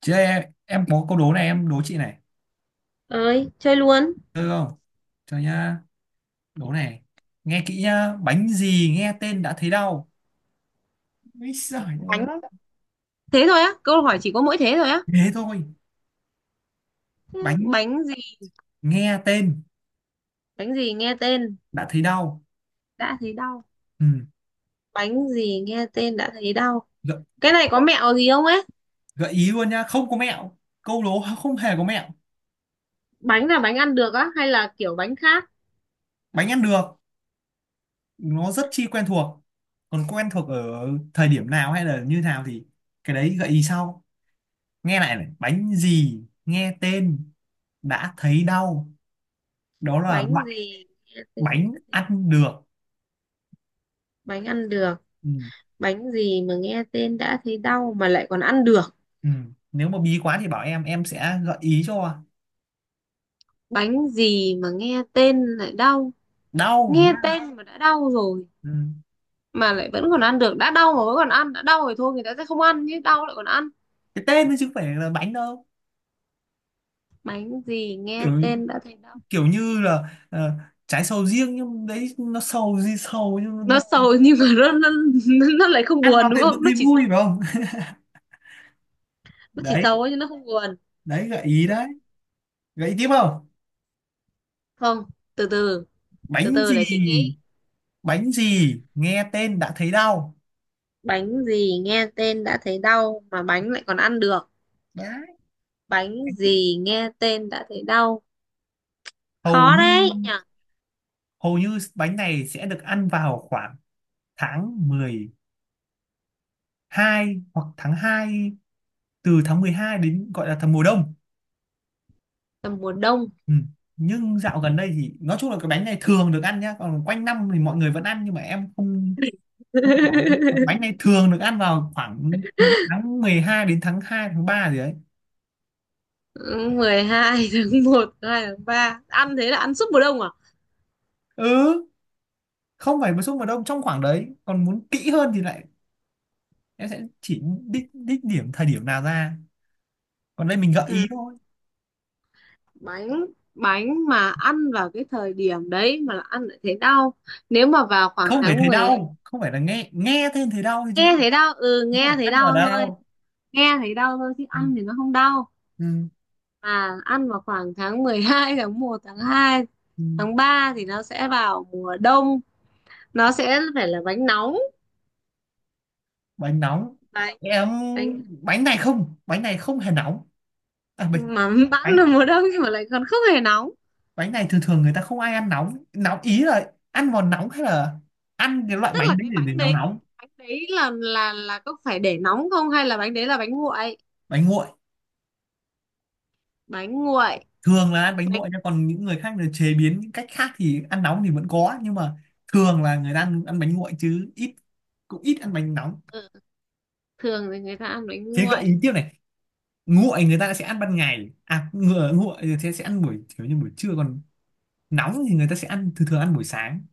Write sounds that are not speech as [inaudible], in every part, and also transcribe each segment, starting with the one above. Chứ em có câu đố này, em đố chị này. Ơi, chơi luôn. Được không? Cho nhá. Đố này. Nghe kỹ nhá. Bánh gì nghe tên đã thấy đau. Úi giời ơi. Bánh đó. Thế thôi á? Câu hỏi chỉ có mỗi thế thôi á? Thế thôi. Thế Bánh bánh gì? nghe tên Bánh gì nghe tên đã thấy đau. đã thấy đau? Ừ. Bánh gì nghe tên đã thấy đau? Gợi, Cái này có mẹo gì không ấy? gợi ý luôn nhá. Không có mẹo. Câu đố không hề có mẹo. Bánh là bánh ăn được á hay là kiểu bánh khác? Bánh ăn được. Nó rất chi quen thuộc. Còn quen thuộc ở thời điểm nào hay là như nào thì cái đấy gợi ý sau. Nghe lại này. Bánh gì nghe tên đã thấy đau. Đó là Bánh gì nghe tên? bánh ăn được, Bánh ăn được. ừ. Bánh gì mà nghe tên đã thấy đau mà lại còn ăn được? Ừ. Nếu mà bí quá thì bảo em sẽ gợi ý cho. Bánh gì mà nghe tên lại đau? Đau Nghe nhá. tên mà đã đau rồi Ừ. mà lại vẫn còn ăn được? Đã đau mà vẫn còn ăn? Đã đau rồi thôi người ta sẽ không ăn chứ, đau lại còn ăn? Cái tên thôi chứ không phải là bánh đâu. Bánh gì nghe kiểu tên đã thấy đau? kiểu như là trái sầu riêng, nhưng đấy nó sầu gì sầu, nhưng Nó nó, sầu [laughs] nhưng mà nó lại không ăn buồn vào đúng thì vẫn không, nó thấy chỉ vui sầu. phải không? Nó chỉ [laughs] sầu Đấy. ấy, nhưng nó không buồn. Đấy gợi ý Ừ. đấy. Gợi ý tiếp không? Không. từ từ từ Bánh từ gì? để chị nghĩ. Bánh gì nghe tên đã thấy đau? Bánh gì nghe tên đã thấy đau mà bánh lại còn ăn được? Đấy. Bánh gì nghe tên đã thấy đau? hầu Khó như đấy nhỉ. hầu như bánh này sẽ được ăn vào khoảng tháng mười hai hoặc tháng hai, từ tháng 12 đến, gọi là tháng mùa đông. Là mùa đông. Ừ. Nhưng dạo gần đây thì nói chung là cái bánh này thường được ăn nhá, còn quanh năm thì mọi người vẫn ăn, nhưng mà em không không có, bánh [laughs] này thường được ăn vào khoảng tháng 12 đến tháng hai, tháng 3 gì đấy. Mười hai, tháng 1, hai, tháng 3 ăn, thế là ăn suốt mùa đông à? Ừ, không phải mùa xuân, mùa đông, trong khoảng đấy. Còn muốn kỹ hơn thì lại em sẽ chỉ đích đích điểm thời điểm nào ra, còn đây mình gợi Ừ. ý thôi. Bánh. Bánh mà ăn vào cái thời điểm đấy mà là ăn lại thấy đau? Nếu mà vào khoảng Không phải tháng thấy 12. đau, không phải, là nghe, tên thấy đau thôi chứ, Nghe thấy đau, ừ, chứ không nghe phải thấy ăn vào đau thôi. đau. Nghe thấy đau thôi chứ Ừ. ăn thì nó không đau. Ừ. À, ăn vào khoảng tháng mười hai, tháng một, tháng hai, Ừ. tháng 3 thì nó sẽ vào mùa đông. Nó sẽ phải là bánh nóng. Bánh nóng? Bánh. Em, Bánh bánh này không, bánh này không hề nóng. À, bánh, mà [laughs] bẵng là bánh mùa đông nhưng mà lại còn không hề nóng. bánh này thường thường người ta không ai ăn nóng, nóng ý là ăn vào nóng hay là ăn cái loại Tức là bánh đấy cái để bánh nó đấy, nóng. bánh đấy là là có phải để nóng không hay là bánh đấy là bánh nguội? Bánh nguội, Bánh nguội. thường là ăn bánh Bánh. nguội nha, còn những người khác là chế biến những cách khác thì ăn nóng thì vẫn có, nhưng mà thường là người ta ăn, ăn bánh nguội, chứ ít, cũng ít ăn bánh nóng. Ừ, thường thì người ta ăn bánh Thế gợi nguội. ý tiếp này. Nguội người ta sẽ ăn ban ngày, à, ngựa nguội thì sẽ ăn buổi, kiểu như buổi trưa, còn nóng thì người ta sẽ ăn, thường thường ăn buổi sáng,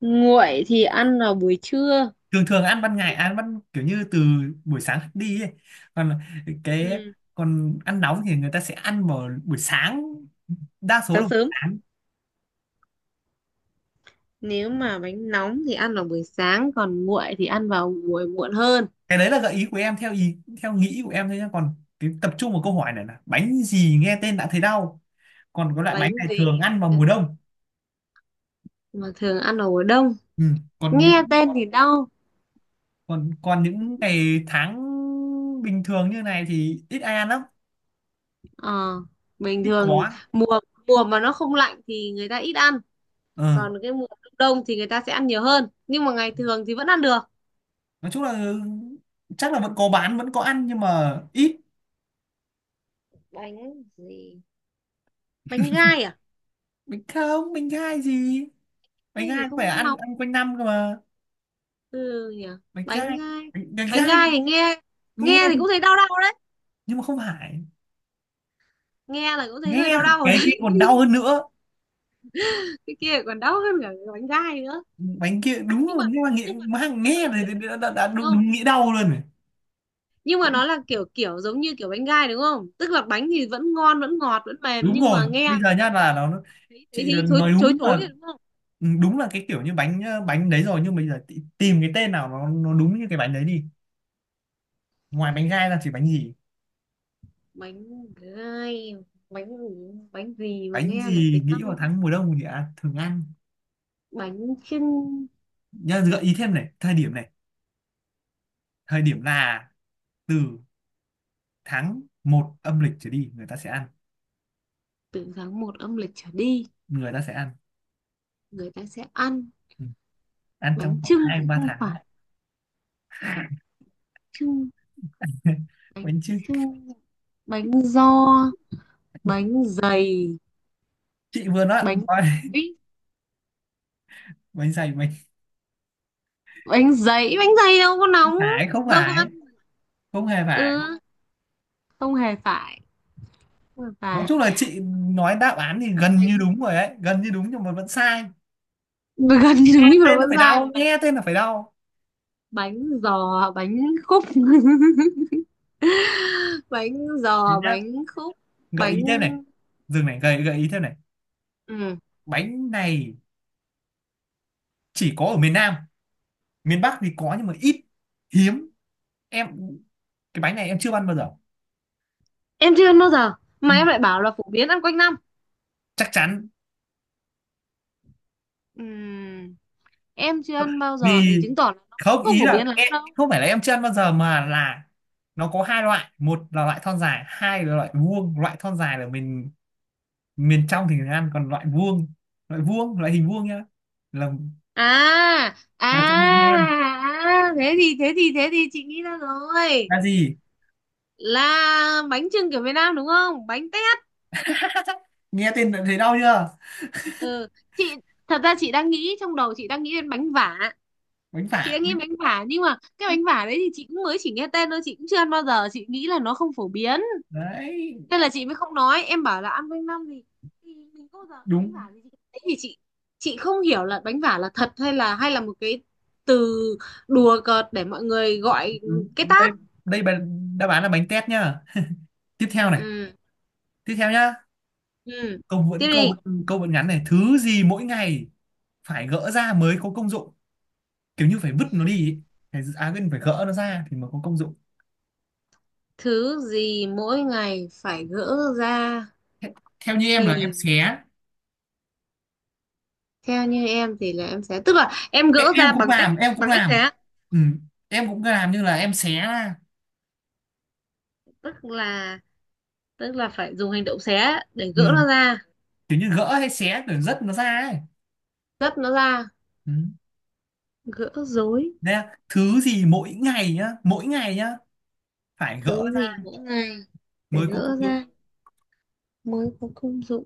Nguội thì ăn vào buổi trưa. thường thường ăn ban ngày, ăn ban kiểu như từ buổi sáng đi ấy. Còn cái, Ừ. còn ăn nóng thì người ta sẽ ăn vào buổi sáng, đa số Sáng là buổi sớm. sáng. Nếu mà bánh nóng thì ăn vào buổi sáng, còn nguội thì ăn vào buổi muộn hơn. Cái đấy là gợi ý của em, theo ý theo nghĩ của em thôi nhá, còn cái tập trung vào câu hỏi này là bánh gì nghe tên đã thấy đau, còn có loại bánh Bánh này thường gì? ăn vào mùa đông. Mà thường ăn vào mùa đông. Ừ. Còn Nghe những, tên thì đau. còn còn những ngày tháng bình thường như này thì ít ai ăn lắm, Ờ, bình ít thường. có. Mùa mùa mà nó không lạnh thì người ta ít ăn, Ừ. còn cái mùa đông đông thì người ta sẽ ăn nhiều hơn. Nhưng mà ngày thường thì vẫn ăn được. Nói chung là chắc là vẫn có bán, vẫn có ăn nhưng mà ít. Bánh gì? Bánh gai à? Bánh không, bánh gai gì, bánh Hay vì gai phải không ăn ăn, nóng? ăn quanh năm cơ mà. Ừ nhỉ. Bánh Bánh gai, gai. bánh, bánh Bánh gai gai thì nghe, nghe nghe thì thì- cũng thấy đau đau đấy. nhưng mà không phải. Nghe là cũng thấy hơi Nghe, đau đau rồi cái kia đấy. còn đau hơn nữa. [laughs] Cái kia còn đau hơn cả cái bánh gai nữa. Bánh kia đúng Nhưng rồi, mà, nhưng mà nghĩ nhưng mà nó mang nghe kiểu, kiểu thì như, đã đúng đúng, không? đúng nghĩ đau luôn rồi. Nhưng mà nó là kiểu kiểu giống như kiểu bánh gai đúng không, tức là bánh thì vẫn ngon vẫn ngọt vẫn mềm Đúng nhưng rồi, mà nghe bây là giờ nhá thấy, là nó, thấy thấy chị là thấy chối, nói chối đúng chối là, rồi đúng không? Đúng là cái kiểu như bánh, bánh đấy rồi, nhưng bây giờ tìm cái tên nào nó đúng như cái bánh đấy đi. Ngoài bánh gai ra thì bánh gì? Bánh gai. Bánh. Bánh gì mà Bánh nghe lại cái gì nghĩ vào năng? tháng mùa đông thì, à, thường ăn, Bánh chưng. nhá gợi ý thêm này. Thời điểm này, thời điểm là từ tháng một âm lịch trở đi người ta sẽ ăn, Từ tháng 1 âm lịch trở đi người ta sẽ ăn. người ta sẽ ăn. Ừ. Ăn Bánh trong khoảng chưng hai thì ba không tháng. phải. Chưng. [laughs] Bánh Bánh chứ. chưng. Bánh giò. Bánh dày. Chị vừa nói [laughs] Bánh. nói Ấy, bánh dày, bánh bánh giấy bánh dày đâu có không nóng, phải, không đâu có ăn. phải, không hề phải. Ừ, không hề phải. Không hề Nói phải. chung là chị nói đáp án thì gần như Bánh. đúng rồi đấy, gần như đúng nhưng mà vẫn sai. Gần như Nghe đúng như là tên nó con phải dai đau, bánh. nghe tên là phải đau. Bánh giò bánh khúc. [laughs] Bánh Thế giò nhá, bánh khúc. gợi Bánh. ý thêm này, dừng này, gợi gợi ý thêm này. Ừ. Bánh này chỉ có ở miền Nam, miền Bắc thì có nhưng mà ít, hiếm. Em, cái bánh này em chưa ăn bao giờ. Em chưa ăn bao giờ Ừ, mà em lại bảo là phổ biến ăn quanh năm? chắc chắn. Ừm, em chưa ăn [laughs] bao giờ thì Vì chứng tỏ là nó không, không ý phổ là biến lắm em, đâu. không phải là em chưa ăn bao giờ, mà là nó có hai loại, một là loại thon dài, hai là loại vuông. Loại thon dài là mình miền trong thì mình ăn, còn loại vuông, loại vuông, loại hình vuông nhá, là À là chỗ mình hay à ăn. à, thế thì thế thì chị nghĩ ra rồi. Là gì? Là bánh chưng kiểu Việt Nam đúng không, bánh tét? [laughs] Nghe tên đã thấy đau chưa? Ừ. Chị, thật ra chị đang nghĩ, trong đầu chị đang nghĩ đến bánh vả. Bánh Chị phả. đã nghĩ bánh vả nhưng mà cái bánh vả đấy thì chị cũng mới chỉ nghe tên thôi, chị cũng chưa ăn bao giờ, chị nghĩ là nó không phổ biến Đấy. nên là chị mới không nói. Em bảo là ăn quanh năm thì mình có bao giờ bánh Đúng, vả gì chị đấy thì chị không hiểu là bánh vả là thật hay là, hay là một cái từ đùa cợt để mọi người gọi đúng. cái Đây, tát. đây đáp án là bánh tét nhá. Tiếp theo này, Ừ. tiếp theo nhá. Ừ, Câu vẫn tiếp câu, đi. câu vẫn ngắn này. Thứ gì mỗi ngày phải gỡ ra mới có công dụng, kiểu như phải vứt nó đi ý. Phải, à quên, phải gỡ nó ra thì mới có công dụng. Thứ gì mỗi ngày phải gỡ ra Thế- theo như em là em thì, xé. theo như em thì là em sẽ, tức là em Ê, gỡ em ra cũng bằng cách, làm, em cũng bằng cách làm. xé. Ừ, em cũng làm như là em xé ra. Tức là, tức là phải dùng hành động xé để Ừ, gỡ nó ra, kiểu như gỡ hay xé để rất nó ra ấy. gấp nó ra, Ừ. gỡ rối. Đấy là thứ gì mỗi ngày nhá, mỗi ngày nhá, phải gỡ Thứ ra gì mỗi ngày phải mới có công gỡ dụng. ra mới có công dụng?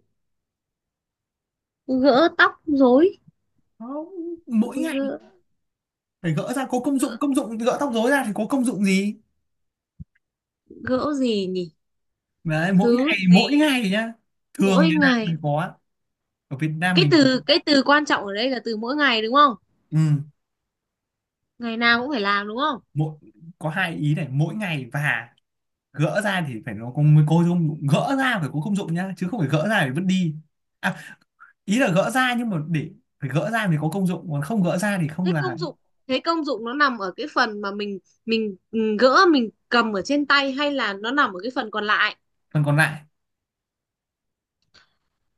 Gỡ tóc rối. Không, mỗi ngày Gỡ. phải gỡ ra có công dụng. gỡ Công dụng, gỡ tóc rối ra thì có công dụng gì? gỡ gì nhỉ? Đấy, mỗi Thứ ngày, mỗi gì ngày nhá, thường mỗi như nào mới ngày? có, ở Việt Nam Cái mình. từ, cái từ quan trọng ở đây là từ mỗi ngày đúng không? Ừ. Ngày nào cũng phải làm đúng không? Mỗi, có hai ý này, mỗi ngày và gỡ ra thì phải nó có, mới có công dụng, gỡ ra phải có công dụng nhá, chứ không phải gỡ ra để vứt đi. À, ý là gỡ ra nhưng mà để, phải gỡ ra thì có công dụng, còn không gỡ ra thì không Thế là công dụng, thế công dụng nó nằm ở cái phần mà mình ừ, gỡ mình cầm ở trên tay hay là nó nằm ở cái phần còn lại? phần còn lại.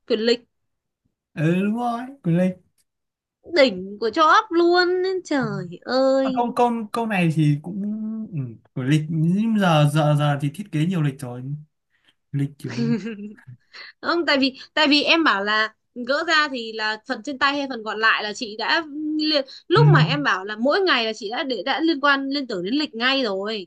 Quyền lực. Ừ đúng rồi, của lịch. Đỉnh của cho ấp luôn. Trời À, ơi. câu câu câu này thì cũng, ừ, của lịch, nhưng giờ giờ giờ thì thiết kế nhiều lịch rồi, lịch kiểu. Không, tại vì, tại vì em bảo là gỡ ra thì là phần trên tay hay phần còn lại là chị đã liên, Ừ. lúc mà em bảo là mỗi ngày là chị đã để đã liên quan liên tưởng đến lịch ngay rồi.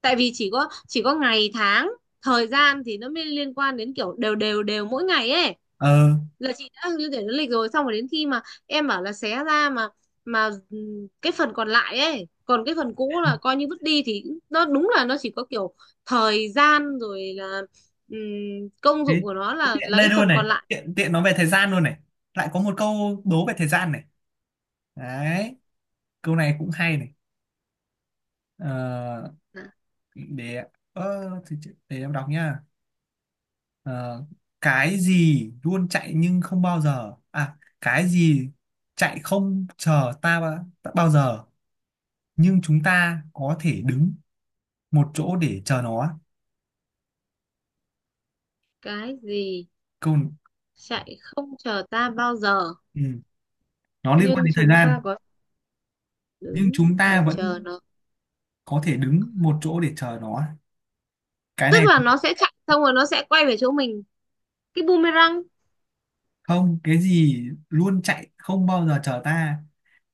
Tại vì chỉ có ngày tháng, thời gian thì nó mới liên quan đến kiểu đều đều đều mỗi ngày ấy, Ờ là chị đã liên tưởng đến lịch rồi, xong rồi đến khi mà em bảo là xé ra mà cái phần còn lại ấy còn cái phần cũ là coi như vứt đi thì nó đúng là nó chỉ có kiểu thời gian rồi, là công thế, dụng của nó thế là tiện là đây cái phần luôn này, còn lại. tiện tiện nói về thời gian luôn này, lại có một câu đố về thời gian này. Đấy, câu này cũng hay này. Ờ, Hả? để, để em đọc nha. Ờ, cái gì luôn chạy nhưng không bao giờ, à cái gì chạy không chờ ta, ta bao giờ, nhưng chúng ta có thể đứng một chỗ để chờ nó. Cái gì Câu, chạy không chờ ta bao giờ ừ, nó liên quan nhưng đến thời chúng gian. ta có thể Nhưng đứng chúng ta để chờ vẫn nó? có thể đứng một chỗ để chờ nó. Cái Tức này là nó sẽ chạy xong rồi nó sẽ quay về chỗ mình, cái boomerang? không, cái gì luôn chạy không bao giờ chờ ta,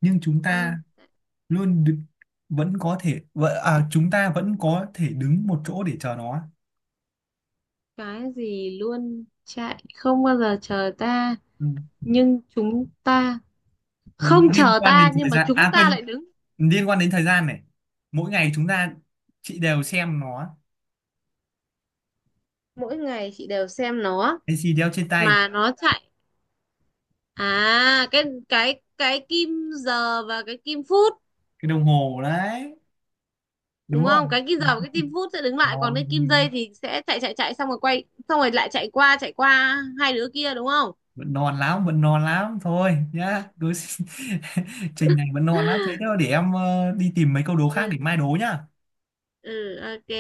nhưng chúng ta luôn đ- vẫn có thể à, chúng ta vẫn có thể đứng một chỗ để chờ nó. Cái gì luôn chạy không bao giờ chờ ta Ừ. nhưng chúng ta, không Liên chờ quan đến ta nhưng thời mà gian, chúng à ta quên, lại đứng, liên quan đến thời gian này. Mỗi ngày chúng ta, chị đều xem nó. mỗi ngày chị đều xem nó Cái gì đeo trên tay? mà nó chạy? À, cái kim giờ và cái kim phút, Cái đồng hồ đấy đúng đúng không? không? Cái kim giờ và cái kim phút sẽ đứng lại còn Non, cái kim dây thì sẽ chạy chạy chạy xong rồi quay xong rồi lại chạy qua, chạy qua hai đứa kia đúng không? vẫn non lắm, vẫn non lắm thôi nhá. Đối [laughs] trình này vẫn non lắm. Thế [laughs] thôi, để em, đi tìm mấy câu đố khác Ừ. để mai đố nhá. Ừ, ok.